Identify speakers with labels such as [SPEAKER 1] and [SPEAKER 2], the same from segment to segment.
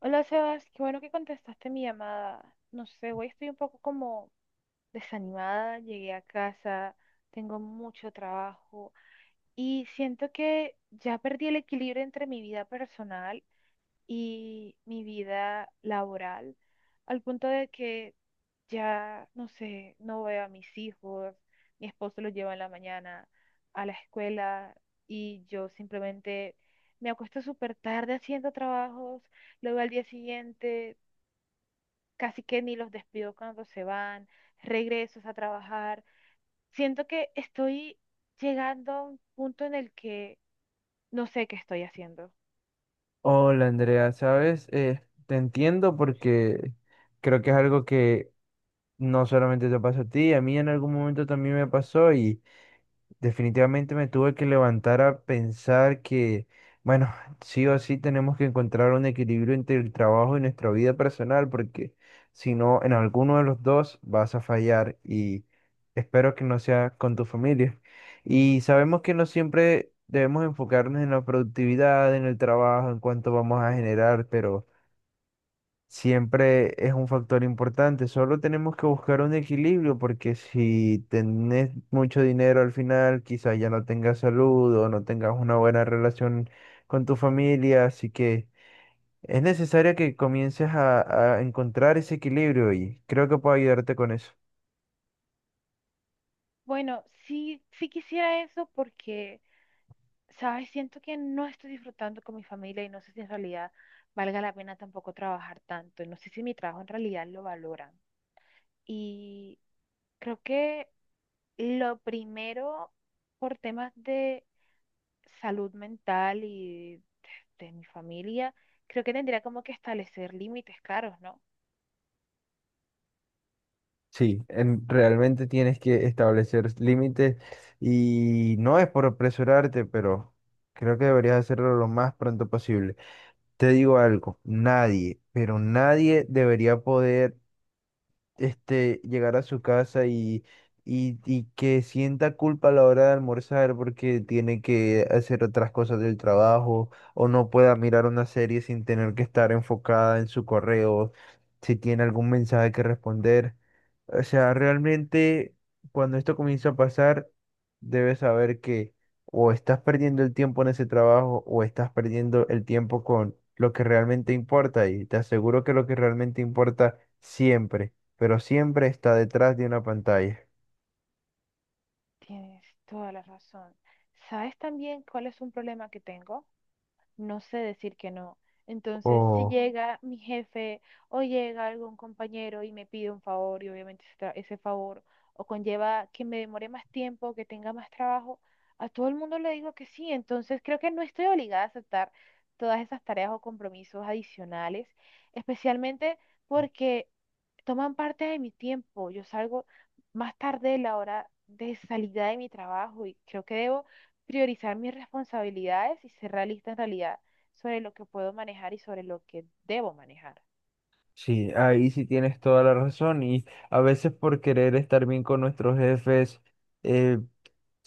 [SPEAKER 1] Hola Sebas, qué bueno que contestaste mi llamada. No sé, hoy estoy un poco como desanimada, llegué a casa, tengo mucho trabajo y siento que ya perdí el equilibrio entre mi vida personal y mi vida laboral, al punto de que ya, no sé, no veo a mis hijos, mi esposo los lleva en la mañana a la escuela y yo simplemente me acuesto súper tarde haciendo trabajos. Luego al día siguiente casi que ni los despido cuando se van, regresos a trabajar. Siento que estoy llegando a un punto en el que no sé qué estoy haciendo.
[SPEAKER 2] Hola Andrea, ¿sabes? Te entiendo porque creo que es algo que no solamente te pasa a ti, a mí en algún momento también me pasó. Definitivamente me tuve que levantar a pensar que, bueno, sí o sí tenemos que encontrar un equilibrio entre el trabajo y nuestra vida personal, porque si no, en alguno de los dos vas a fallar y espero que no sea con tu familia. Y sabemos que no siempre debemos enfocarnos en la productividad, en el trabajo, en cuánto vamos a generar, pero siempre es un factor importante. Solo tenemos que buscar un equilibrio porque si tenés mucho dinero al final, quizás ya no tengas salud o no tengas una buena relación con tu familia. Así que es necesario que comiences a encontrar ese equilibrio y creo que puedo ayudarte con eso.
[SPEAKER 1] Bueno, sí, sí quisiera eso porque, ¿sabes? Siento que no estoy disfrutando con mi familia y no sé si en realidad valga la pena tampoco trabajar tanto. No sé si mi trabajo en realidad lo valoran. Y creo que lo primero, por temas de salud mental y de mi familia, creo que tendría como que establecer límites caros, ¿no?
[SPEAKER 2] Sí, en- realmente tienes que establecer límites y no es por apresurarte, pero creo que deberías hacerlo lo más pronto posible. Te digo algo, nadie, pero nadie debería poder llegar a su casa y que sienta culpa a la hora de almorzar porque tiene que hacer otras cosas del trabajo o no pueda mirar una serie sin tener que estar enfocada en su correo, si tiene algún mensaje que responder. O sea, realmente cuando esto comienza a pasar, debes saber que o estás perdiendo el tiempo en ese trabajo o estás perdiendo el tiempo con lo que realmente importa. Y te aseguro que lo que realmente importa siempre pero siempre está detrás de una pantalla.
[SPEAKER 1] Tienes toda la razón. ¿Sabes también cuál es un problema que tengo? No sé decir que no. Entonces, si
[SPEAKER 2] Oh,
[SPEAKER 1] llega mi jefe o llega algún compañero y me pide un favor y obviamente ese favor o conlleva que me demore más tiempo, que tenga más trabajo, a todo el mundo le digo que sí. Entonces, creo que no estoy obligada a aceptar todas esas tareas o compromisos adicionales, especialmente porque toman parte de mi tiempo. Yo salgo más tarde de la hora de salida de mi trabajo y creo que debo priorizar mis responsabilidades y ser realista en realidad sobre lo que puedo manejar y sobre lo que debo manejar.
[SPEAKER 2] sí, ahí sí tienes toda la razón y a veces por querer estar bien con nuestros jefes, eh,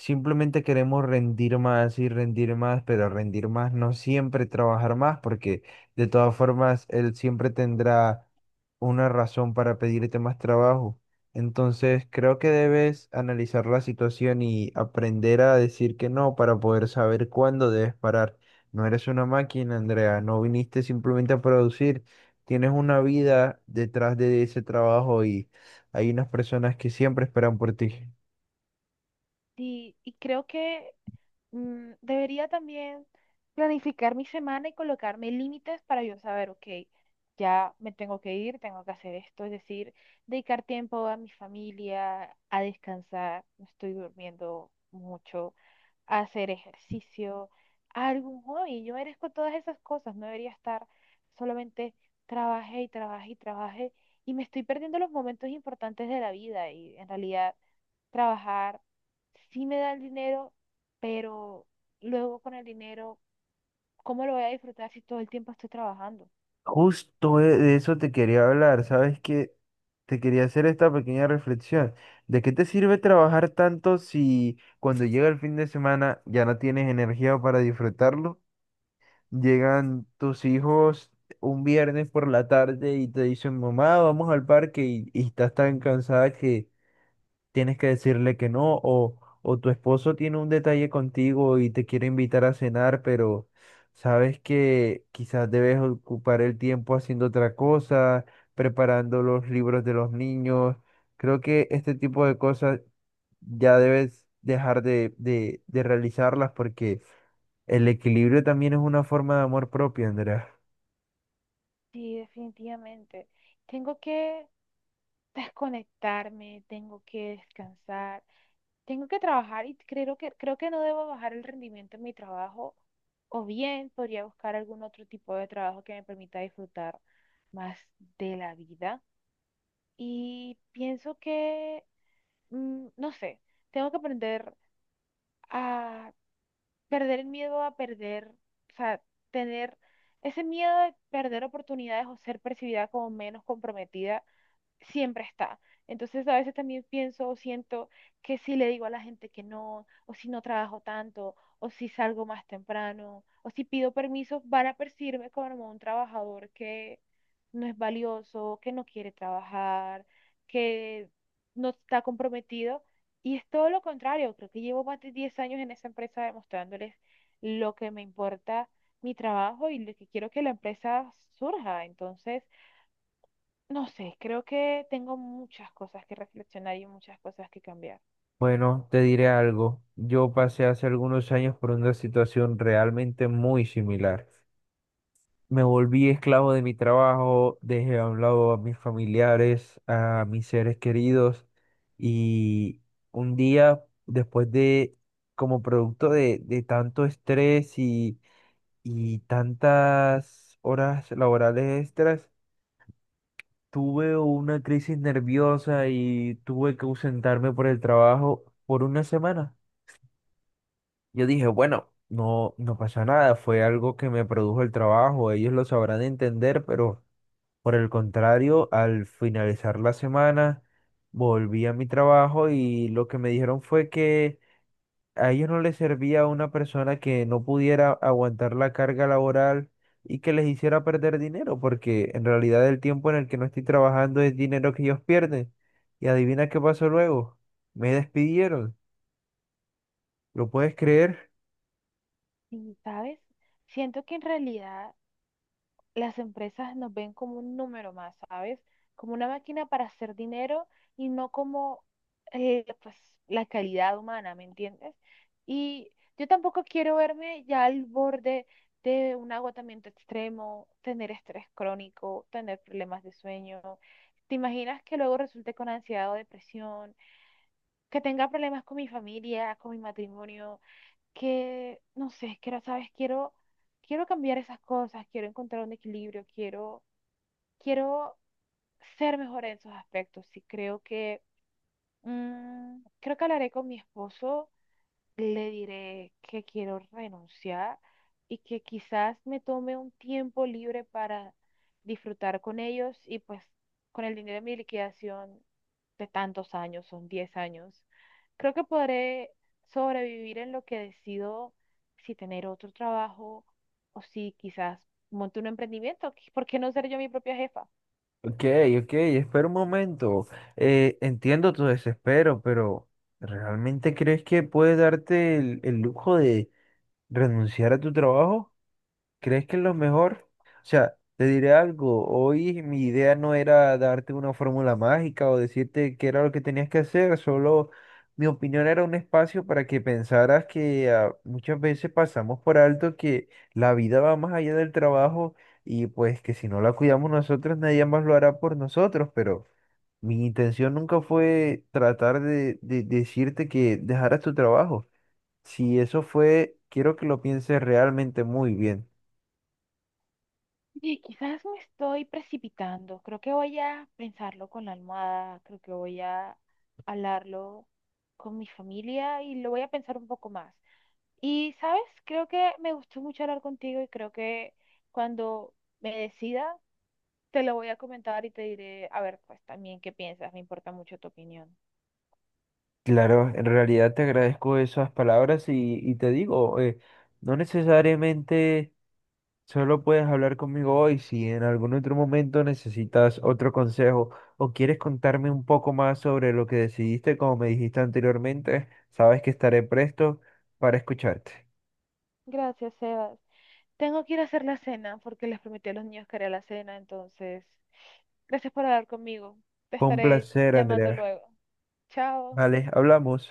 [SPEAKER 2] simplemente queremos rendir más y rendir más, pero rendir más no siempre trabajar más, porque de todas formas él siempre tendrá una razón para pedirte más trabajo. Entonces creo que debes analizar la situación y aprender a decir que no para poder saber cuándo debes parar. No eres una máquina, Andrea, no viniste simplemente a producir, tienes una vida detrás de ese trabajo y hay unas personas que siempre esperan por ti.
[SPEAKER 1] Y creo que debería también planificar mi semana y colocarme límites para yo saber, ok, ya me tengo que ir, tengo que hacer esto, es decir, dedicar tiempo a mi familia, a descansar, no estoy durmiendo mucho, hacer ejercicio, algún hobby. Yo merezco todas esas cosas, no debería estar solamente trabajé y trabajé y trabajé y me estoy perdiendo los momentos importantes de la vida y en realidad trabajar sí me da el dinero, pero luego con el dinero, ¿cómo lo voy a disfrutar si todo el tiempo estoy trabajando?
[SPEAKER 2] Justo de eso te quería hablar, ¿sabes qué? Te quería hacer esta pequeña reflexión. ¿De qué te sirve trabajar tanto si cuando llega el fin de semana ya no tienes energía para disfrutarlo? Llegan tus hijos un viernes por la tarde y te dicen, mamá, vamos al parque y estás tan cansada tienes que decirle que no, o tu esposo tiene un detalle contigo y te quiere invitar a cenar, pero sabes que quizás debes ocupar el tiempo haciendo otra cosa, preparando los libros de los niños. Creo que este tipo de cosas ya debes dejar de realizarlas porque el equilibrio también es una forma de amor propio, Andrea.
[SPEAKER 1] Sí, definitivamente. Tengo que desconectarme, tengo que descansar, tengo que trabajar y creo que no debo bajar el rendimiento en mi trabajo, o bien podría buscar algún otro tipo de trabajo que me permita disfrutar más de la vida. Y pienso que, no sé, tengo que aprender a perder el miedo a perder, o sea, tener ese miedo de perder oportunidades o ser percibida como menos comprometida siempre está. Entonces a veces también pienso o siento que si le digo a la gente que no, o si no trabajo tanto, o si salgo más temprano, o si pido permiso, van a percibirme como un trabajador que no es valioso, que no quiere trabajar, que no está comprometido. Y es todo lo contrario, creo que llevo más de 10 años en esa empresa demostrándoles lo que me importa mi trabajo y lo que quiero que la empresa surja. Entonces, no sé, creo que tengo muchas cosas que reflexionar y muchas cosas que cambiar.
[SPEAKER 2] Bueno, te diré algo. Yo pasé hace algunos años por una situación realmente muy similar. Me volví esclavo de mi trabajo, dejé a un lado a mis familiares, a mis seres queridos y un día después de, como producto de tanto estrés y tantas horas laborales extras, tuve una crisis nerviosa y tuve que ausentarme por el trabajo por una semana. Yo dije, bueno, no, no pasa nada, fue algo que me produjo el trabajo, ellos lo sabrán entender, pero... Por el contrario, al finalizar la semana, volví a mi trabajo y lo que me dijeron fue que a ellos no les servía a una persona que no pudiera aguantar la carga laboral y que les hiciera perder dinero, porque en realidad el tiempo en el que no estoy trabajando es dinero que ellos pierden. Y adivina qué pasó luego. Me despidieron. ¿Lo puedes creer?
[SPEAKER 1] Y, ¿sabes? Siento que en realidad las empresas nos ven como un número más, ¿sabes? Como una máquina para hacer dinero y no como pues, la calidad humana, ¿me entiendes? Y yo tampoco quiero verme ya al borde de un agotamiento extremo, tener estrés crónico, tener problemas de sueño. ¿Te imaginas que luego resulte con ansiedad o depresión? Que tenga problemas con mi familia, con mi matrimonio, que no sé, que quiero, sabes, quiero, quiero cambiar esas cosas, quiero encontrar un equilibrio, quiero ser mejor en esos aspectos. Sí, creo que, creo que hablaré con mi esposo, le diré que quiero renunciar y que quizás me tome un tiempo libre para disfrutar con ellos y pues con el dinero de mi liquidación de tantos años, son 10 años. Creo que podré sobrevivir en lo que decido si tener otro trabajo o si quizás monte un emprendimiento. ¿Por qué no ser yo mi propia jefa?
[SPEAKER 2] Ok, ok, espera un momento. Entiendo tu desespero, pero ¿realmente crees que puedes darte el lujo de renunciar a tu trabajo? ¿Crees que es lo mejor? O sea, te diré algo. Hoy mi idea no era darte una fórmula mágica o decirte qué era lo que tenías que hacer, solo mi opinión era un espacio para que pensaras que ah, muchas veces pasamos por alto que la vida va más allá del trabajo y pues que si no la cuidamos nosotros, nadie más lo hará por nosotros, pero... Mi intención nunca fue tratar de decirte que dejaras tu trabajo. Si eso fue, quiero que lo pienses realmente muy bien.
[SPEAKER 1] Oye, quizás me estoy precipitando. Creo que voy a pensarlo con la almohada. Creo que voy a hablarlo con mi familia y lo voy a pensar un poco más. Y, ¿sabes? Creo que me gustó mucho hablar contigo y creo que cuando me decida, te lo voy a comentar y te diré, a ver, pues también qué piensas. Me importa mucho tu opinión.
[SPEAKER 2] Claro, en realidad te agradezco esas palabras y te digo, no necesariamente solo puedes hablar conmigo hoy, si en algún otro momento necesitas otro consejo o quieres contarme un poco más sobre lo que decidiste, como me dijiste anteriormente, sabes que estaré presto para escucharte.
[SPEAKER 1] Gracias, Sebas. Tengo que ir a hacer la cena porque les prometí a los niños que haría la cena, entonces, gracias por hablar conmigo. Te
[SPEAKER 2] Fue un
[SPEAKER 1] estaré
[SPEAKER 2] placer,
[SPEAKER 1] llamando
[SPEAKER 2] Andrea.
[SPEAKER 1] luego. Chao.
[SPEAKER 2] Vale, hablamos.